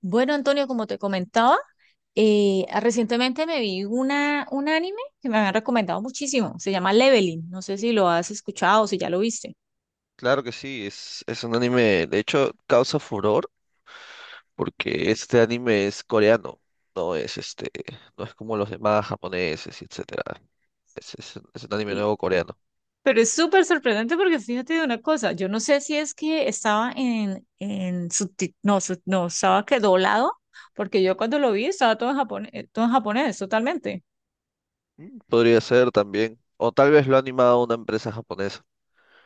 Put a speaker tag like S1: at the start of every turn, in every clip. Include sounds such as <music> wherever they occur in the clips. S1: Bueno, Antonio, como te comentaba, recientemente me vi un anime que me habían recomendado muchísimo. Se llama Leveling. No sé si lo has escuchado o si ya lo viste.
S2: Claro que sí, es un anime, de hecho, causa furor porque este anime es coreano, no es este, no es como los demás japoneses y etcétera. Es un anime
S1: Sí.
S2: nuevo coreano.
S1: Pero es súper sorprendente porque fíjate de una cosa. Yo no sé si es que estaba en subti- no, sub- no, estaba que doblado, porque yo cuando lo vi estaba todo en japonés, totalmente.
S2: Podría ser también, o tal vez lo ha animado una empresa japonesa.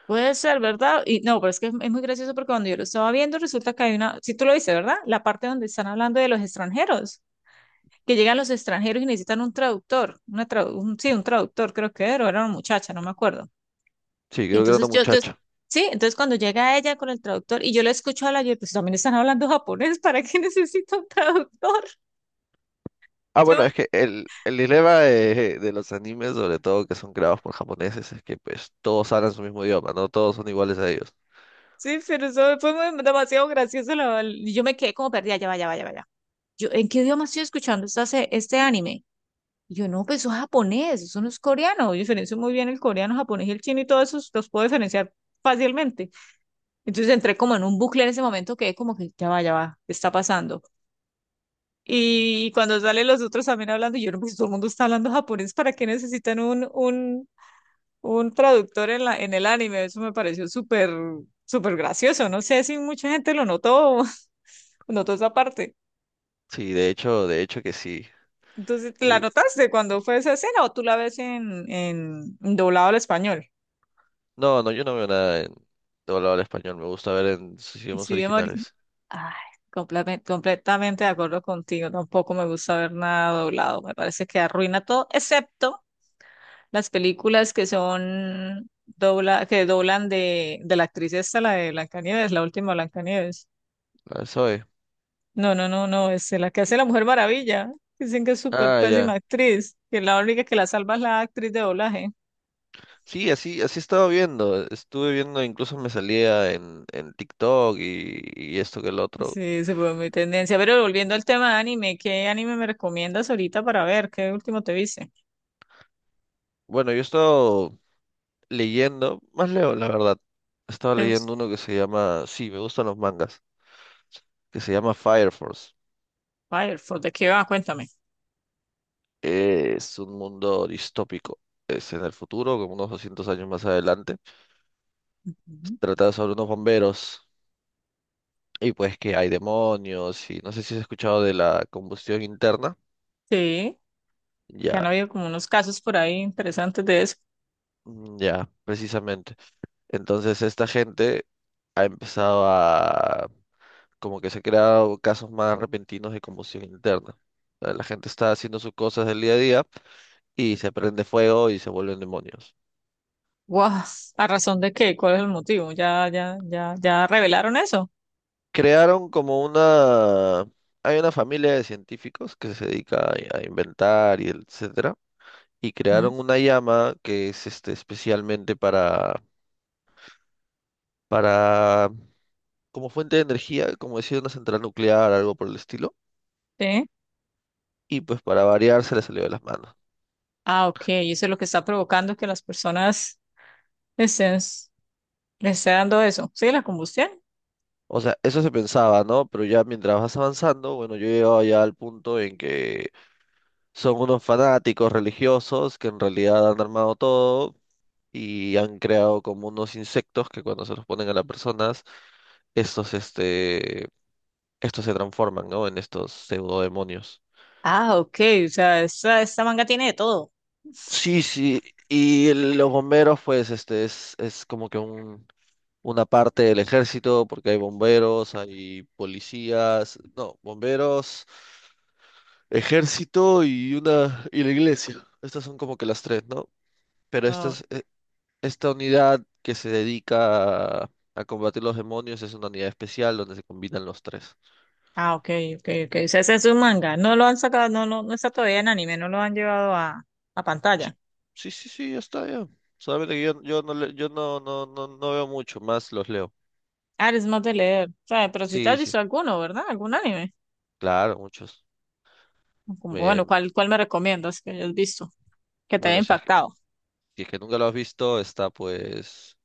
S1: Puede ser, ¿verdad? Y no, pero es que es muy gracioso porque cuando yo lo estaba viendo, resulta que hay una, si tú lo viste, ¿verdad? La parte donde están hablando de los extranjeros, que llegan los extranjeros y necesitan un traductor, sí, un traductor creo que era, o era una muchacha, no me acuerdo.
S2: Sí,
S1: Y
S2: creo que era una
S1: entonces yo, yo-
S2: muchacha.
S1: sí, entonces cuando llega ella con el traductor y yo le escucho hablar, yo, pues también están hablando japonés, <laughs> ¿para qué necesito un traductor?
S2: Ah,
S1: Yo
S2: bueno,
S1: me-
S2: es que el dilema de los animes, sobre todo que son creados por japoneses, es que pues todos hablan su mismo idioma, no todos son iguales a ellos.
S1: sí, pero eso fue demasiado gracioso, y yo me quedé como perdida, ya vaya, vaya, vaya. Yo, ¿en qué idioma estoy escuchando este anime? Y yo, no, pues eso es japonés, eso no es coreano, yo diferencio muy bien el coreano, japonés y el chino y todos esos los puedo diferenciar fácilmente. Entonces entré como en un bucle en ese momento, quedé como que ya va, ¿qué está pasando? Y cuando salen los otros también hablando, yo no, pues todo el mundo está hablando japonés, ¿para qué necesitan un traductor en en el anime? Eso me pareció súper, súper gracioso. No sé si mucha gente lo notó, <laughs> notó esa parte.
S2: Sí, de hecho que sí.
S1: Entonces, ¿la notaste cuando fue esa escena o tú la ves en doblado al español?
S2: No, no, yo no veo nada en doblado al español. Me gusta ver en sus idiomas
S1: Sí,
S2: originales.
S1: ay, completamente de acuerdo contigo. Tampoco me gusta ver nada doblado. Me parece que arruina todo, excepto las películas que son que doblan de la actriz esta, la de Blancanieves, la última Blancanieves.
S2: La soy.
S1: No, no, no, no, es la que hace la Mujer Maravilla. Dicen que es súper
S2: Ah,
S1: pésima
S2: ya.
S1: actriz, que la única que la salva es la actriz de doblaje.
S2: Sí, así estaba viendo. Estuve viendo, incluso me salía en TikTok y esto que el otro.
S1: Sí, se fue mi tendencia. Pero volviendo al tema de anime, ¿qué anime me recomiendas ahorita para ver? ¿Qué último te viste?
S2: Bueno, yo he estado leyendo, más leo, la verdad. Estaba leyendo uno que se llama, sí, me gustan los mangas, que se llama Fire Force.
S1: Fire, ¿de qué va? Cuéntame.
S2: Es un mundo distópico. Es en el futuro, como unos 200 años más adelante. Trata sobre unos bomberos. Y pues que hay demonios y no sé si has escuchado de la combustión interna.
S1: Sí, que han
S2: Ya,
S1: habido como unos casos por ahí interesantes de eso.
S2: mm, ya, precisamente. Entonces esta gente ha empezado a... como que se han creado casos más repentinos de combustión interna. O sea, la gente está haciendo sus cosas del día a día y se prende fuego y se vuelven demonios.
S1: Guau, ¿a razón de qué? ¿Cuál es el motivo? ¿Ya, ya, ya, ya revelaron eso?
S2: Crearon como una... Hay una familia de científicos que se dedica a inventar y etcétera. Y
S1: Ujú.
S2: crearon una llama que es especialmente para, como fuente de energía, como decir, una central nuclear, algo por el estilo,
S1: Sí.
S2: y pues para variar se le salió de las manos.
S1: Ah, ok, y eso es lo que está provocando que las personas estén, les esté dando eso. Sí, la combustión.
S2: O sea, eso se pensaba, ¿no? Pero ya mientras vas avanzando, bueno, yo he llegado ya al punto en que son unos fanáticos religiosos que en realidad han armado todo y han creado como unos insectos que cuando se los ponen a las personas, estos, este, estos se transforman, ¿no? En estos pseudodemonios.
S1: Ah, ok, o sea, esta manga tiene de todo.
S2: Sí, sí, y los bomberos, pues, es como que una parte del ejército, porque hay bomberos, hay policías, no, bomberos, ejército y una y la iglesia. Estas son como que las tres, ¿no? Pero
S1: Oh,
S2: esta unidad que se dedica a combatir los demonios es una unidad especial donde se combinan los tres.
S1: ah, ok, ok, ok. O sea, ese es un manga. No lo han sacado, no, no, no está todavía en anime, no lo han llevado a
S2: Sí,
S1: pantalla.
S2: sí, sí, sí, ya está, ya. Solamente que yo no veo mucho, más los leo.
S1: Ah, eres más de leer. O sea, pero si te
S2: Sí,
S1: has visto
S2: sí,
S1: alguno, ¿verdad? ¿Algún anime?
S2: claro, muchos.
S1: Como,
S2: Eh,
S1: bueno, ¿cuál, cuál me recomiendas que hayas visto? Que te haya
S2: bueno, si es que,
S1: impactado.
S2: si es que nunca lo has visto, está pues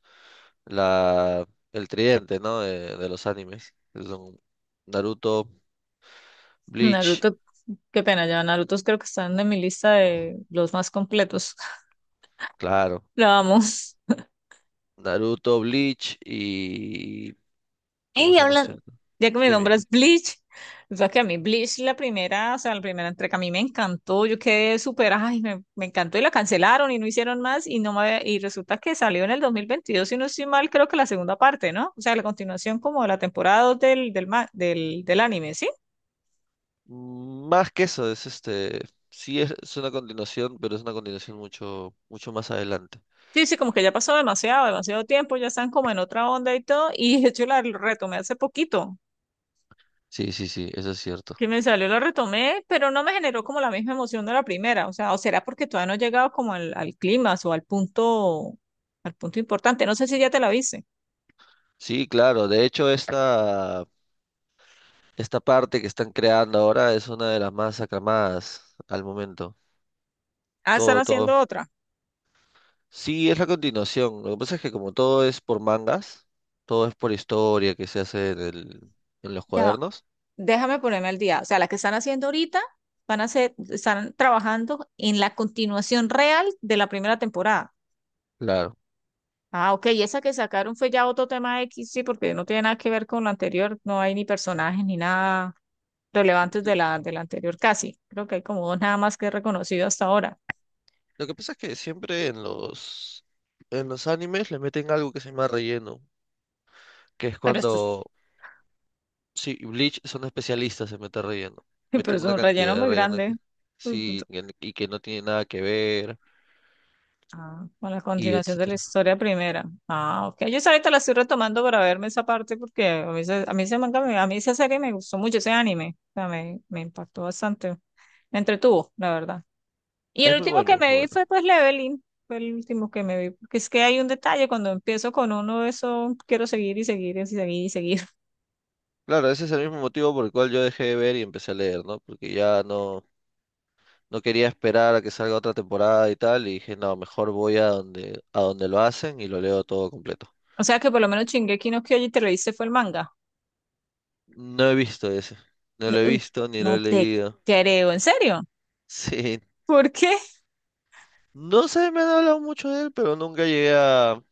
S2: el tridente, ¿no? De los animes que son Naruto, Bleach,
S1: Naruto, qué pena, ya Naruto creo que están en mi lista de los más completos. <laughs>
S2: claro.
S1: Lo vamos.
S2: Naruto, Bleach y... ¿Cómo
S1: Y
S2: se llama este
S1: hablan,
S2: otro?
S1: ya que mi
S2: Dime,
S1: nombre
S2: dime.
S1: es Bleach, o sea que a mí Bleach la primera, o sea, la primera entrega a mí me encantó, yo quedé súper, ay, me encantó y la cancelaron y no hicieron más y no y resulta que salió en el 2022 si no estoy mal, creo que la segunda parte, ¿no? O sea, la continuación como de la temporada 2 del anime, ¿sí?
S2: Más que eso. Sí, es una continuación, pero es una continuación mucho, mucho más adelante.
S1: Sí, sí, como que ya pasó demasiado, demasiado tiempo, ya están como en otra onda y todo, y de hecho la retomé hace poquito,
S2: Sí, sí, sí, eso es cierto.
S1: que me salió, la retomé, pero no me generó como la misma emoción de la primera, o sea, o será porque todavía no he llegado como al, al clímax o al punto importante, no sé si ya te la viste.
S2: Sí, claro. De hecho, esta parte que están creando ahora es una de las más aclamadas al momento.
S1: Ah, están
S2: Todo, todo
S1: haciendo otra,
S2: Sí, es la continuación. Lo que pasa es que como todo es por mangas, todo es por historia que se hace en los
S1: ya, va,
S2: cuadernos.
S1: déjame ponerme al día, o sea, la que están haciendo ahorita, van a hacer, están trabajando en la continuación real de la primera temporada.
S2: Claro.
S1: Ah, ok, y esa que sacaron fue ya otro tema X, sí, porque no tiene nada que ver con lo anterior, no hay ni personajes ni nada relevantes de la anterior casi. Creo que hay como dos nada más que he reconocido hasta ahora.
S2: Lo que pasa es que siempre en los animes le meten algo que se llama relleno, que es
S1: Pero esto es,
S2: cuando sí, Bleach son especialistas en meter relleno.
S1: <laughs> pero
S2: Meten
S1: es
S2: una
S1: un relleno
S2: cantidad de
S1: muy
S2: relleno
S1: grande.
S2: y que no tiene nada que ver
S1: Ah, con la
S2: y
S1: continuación de la
S2: etcétera.
S1: historia primera. Ah, ok. Yo esa ahorita la estoy retomando para verme esa parte porque a mí, ese a mí esa serie me gustó mucho, ese anime. O sea, me impactó bastante. Me entretuvo, la verdad. Y
S2: Es
S1: el
S2: muy
S1: último que
S2: bueno, muy
S1: me vi
S2: bueno.
S1: fue pues Leveling, fue el último que me vi, porque es que hay un detalle, cuando empiezo con uno, eso quiero seguir y seguir y seguir y seguir. <laughs>
S2: Claro, ese es el mismo motivo por el cual yo dejé de ver y empecé a leer, ¿no? Porque ya no quería esperar a que salga otra temporada y tal, y dije, no, mejor voy a donde lo hacen y lo leo todo completo.
S1: O sea que por lo menos Shingeki no Kyojin te lo viste fue el manga.
S2: No he visto ese, no
S1: No,
S2: lo he
S1: mm,
S2: visto ni lo
S1: no
S2: he
S1: te
S2: leído. <laughs>
S1: creo, en serio.
S2: Sí,
S1: ¿Por qué?
S2: no sé, me han hablado mucho de él, pero nunca llegué a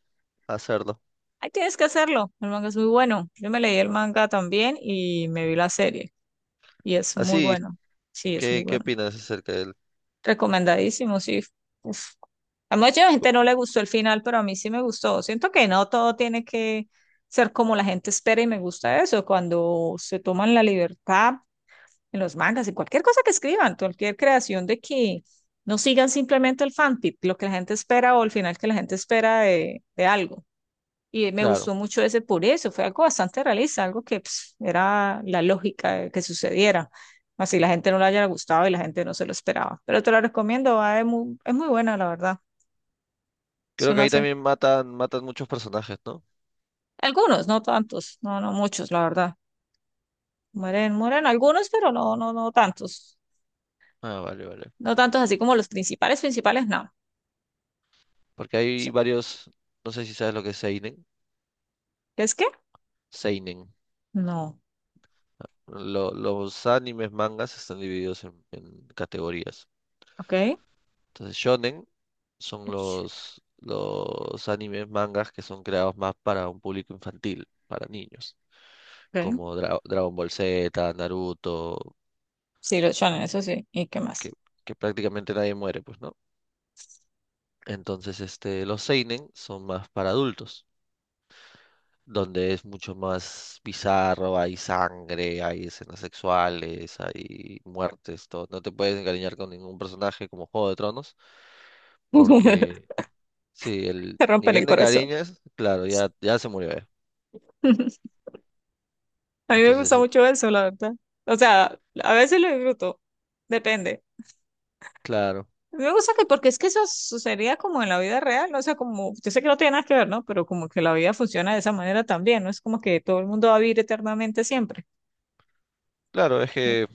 S2: hacerlo.
S1: Ahí tienes que hacerlo. El manga es muy bueno. Yo me leí el manga también y me vi la serie y es muy
S2: Así,
S1: bueno. Sí, es muy
S2: ¿qué
S1: bueno.
S2: opinas acerca de él?
S1: Recomendadísimo, sí. Uf. A mucha gente no le gustó el final, pero a mí sí me gustó. Siento que no todo tiene que ser como la gente espera y me gusta eso. Cuando se toman la libertad en los mangas, en cualquier cosa que escriban, cualquier creación de que no sigan simplemente el fanfic, lo que la gente espera o el final que la gente espera de algo. Y me
S2: Claro,
S1: gustó mucho ese por eso, fue algo bastante realista, algo que pues, era la lógica de que sucediera. Así la gente no le haya gustado y la gente no se lo esperaba. Pero te lo recomiendo, va, es muy buena, la verdad. Es
S2: creo que
S1: una
S2: ahí
S1: se-
S2: también matan, matan muchos personajes, ¿no?
S1: algunos, no tantos, no, no muchos, la verdad. Mueren, mueren algunos, pero no, no, no tantos.
S2: Ah, vale, vale.
S1: No tantos así como los principales, principales, no. O
S2: Porque hay
S1: sea,
S2: varios, no sé si sabes lo que es Seinen.
S1: ¿es que?
S2: Seinen.
S1: No.
S2: Los animes, mangas están divididos en categorías.
S1: Ok.
S2: Entonces, shonen son
S1: Ush,
S2: los animes, mangas que son creados más para un público infantil, para niños,
S1: ok.
S2: como Dragon Ball Z, Naruto,
S1: Sí, los shonen, eso sí. ¿Y qué
S2: que,
S1: más?
S2: que prácticamente nadie muere, pues, ¿no? Entonces, los seinen son más para adultos, donde es mucho más bizarro, hay sangre, hay escenas sexuales, hay muertes, todo. No te puedes encariñar con ningún personaje como Juego de Tronos, porque
S1: <laughs>
S2: sí, el
S1: Te
S2: ni
S1: rompen
S2: bien
S1: el
S2: de
S1: corazón.
S2: cariñas, claro, ya, ya se murió.
S1: <laughs> A mí me gusta
S2: Entonces,
S1: mucho eso, la verdad. O sea, a veces lo disfruto, depende.
S2: claro,
S1: Me gusta que, porque es que eso sucedería como en la vida real, ¿no? O sea, como, yo sé que no tiene nada que ver, ¿no? Pero como que la vida funciona de esa manera también, no es como que todo el mundo va a vivir eternamente siempre.
S2: claro, es que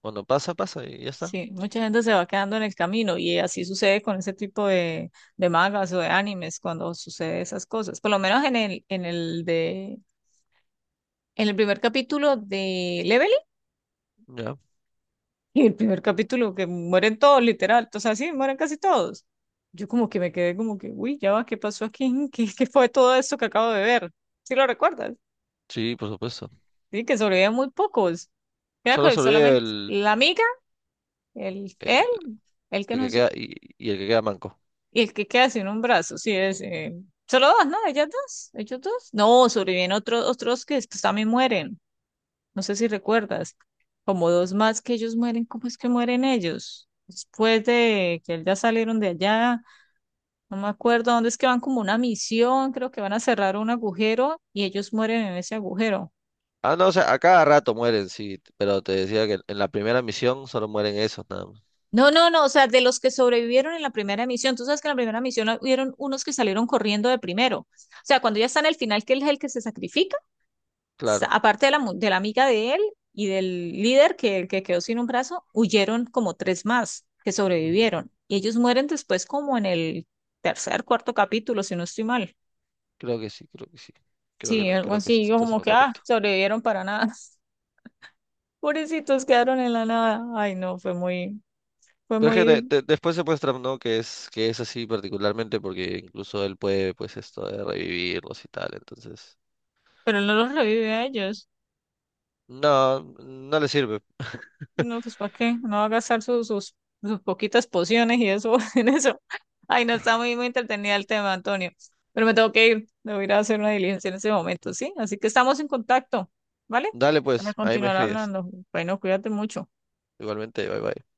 S2: cuando pasa, pasa y ya está.
S1: Sí, mucha gente se va quedando en el camino y así sucede con ese tipo de mangas o de animes cuando sucede esas cosas. Por lo menos en el de, en el primer capítulo de Level.
S2: Ya,
S1: Y el primer capítulo que mueren todos, literal, o sea, sí, mueren casi todos. Yo como que me quedé como que, uy, ya va, ¿qué pasó aquí? <laughs> ¿Qué, qué fue todo esto que acabo de ver? ¿Sí lo recuerdas?
S2: sí, por supuesto.
S1: Sí, que sobrevivían muy pocos. Era
S2: Solo
S1: con
S2: se olvida
S1: solamente la amiga, él,
S2: el,
S1: el que
S2: el
S1: no
S2: que
S1: es,
S2: queda y el que queda manco.
S1: y el que queda sin un brazo, sí, es, solo dos, ¿no? Ellas dos, ellos dos. No, sobreviven otros, otros que después también mueren. No sé si recuerdas, como dos más que ellos mueren, ¿cómo es que mueren ellos? Después de que ya salieron de allá, no me acuerdo dónde es que van como una misión, creo que van a cerrar un agujero y ellos mueren en ese agujero.
S2: Ah, no, o sea, a cada rato mueren, sí, pero te decía que en la primera misión solo mueren esos, nada más.
S1: No, no, no, o sea, de los que sobrevivieron en la primera misión, tú sabes que en la primera misión hubieron unos que salieron corriendo de primero. O sea, cuando ya está en el final, que él es el que se sacrifica. Sa-
S2: Claro,
S1: aparte de la amiga de él y del líder que quedó sin un brazo, huyeron como tres más que
S2: ujú,
S1: sobrevivieron. Y ellos mueren después como en el tercer, cuarto capítulo, si no estoy mal.
S2: creo que sí, creo que sí. Creo que,
S1: Sí, algo
S2: creo que
S1: así, yo
S2: esto es
S1: como
S2: lo
S1: que, ah,
S2: correcto.
S1: sobrevivieron para nada. <laughs> Pobrecitos quedaron en la nada. Ay, no, fue
S2: Pero es que
S1: muy,
S2: después se muestra, ¿no? Que es así particularmente porque incluso él puede, pues, esto de revivirlos y tal, entonces.
S1: pero él no los revive a ellos.
S2: No, no le sirve.
S1: No, pues ¿para qué? No va a gastar sus, sus, sus poquitas pociones y eso <laughs> en eso. Ay, no está muy, muy entretenida el tema, Antonio. Pero me tengo que ir. Debo ir a hacer una diligencia en ese momento, ¿sí? Así que estamos en contacto, ¿vale?
S2: Dale
S1: Para
S2: pues, ahí me
S1: continuar
S2: escribes.
S1: hablando. Bueno, cuídate mucho.
S2: Igualmente, bye bye.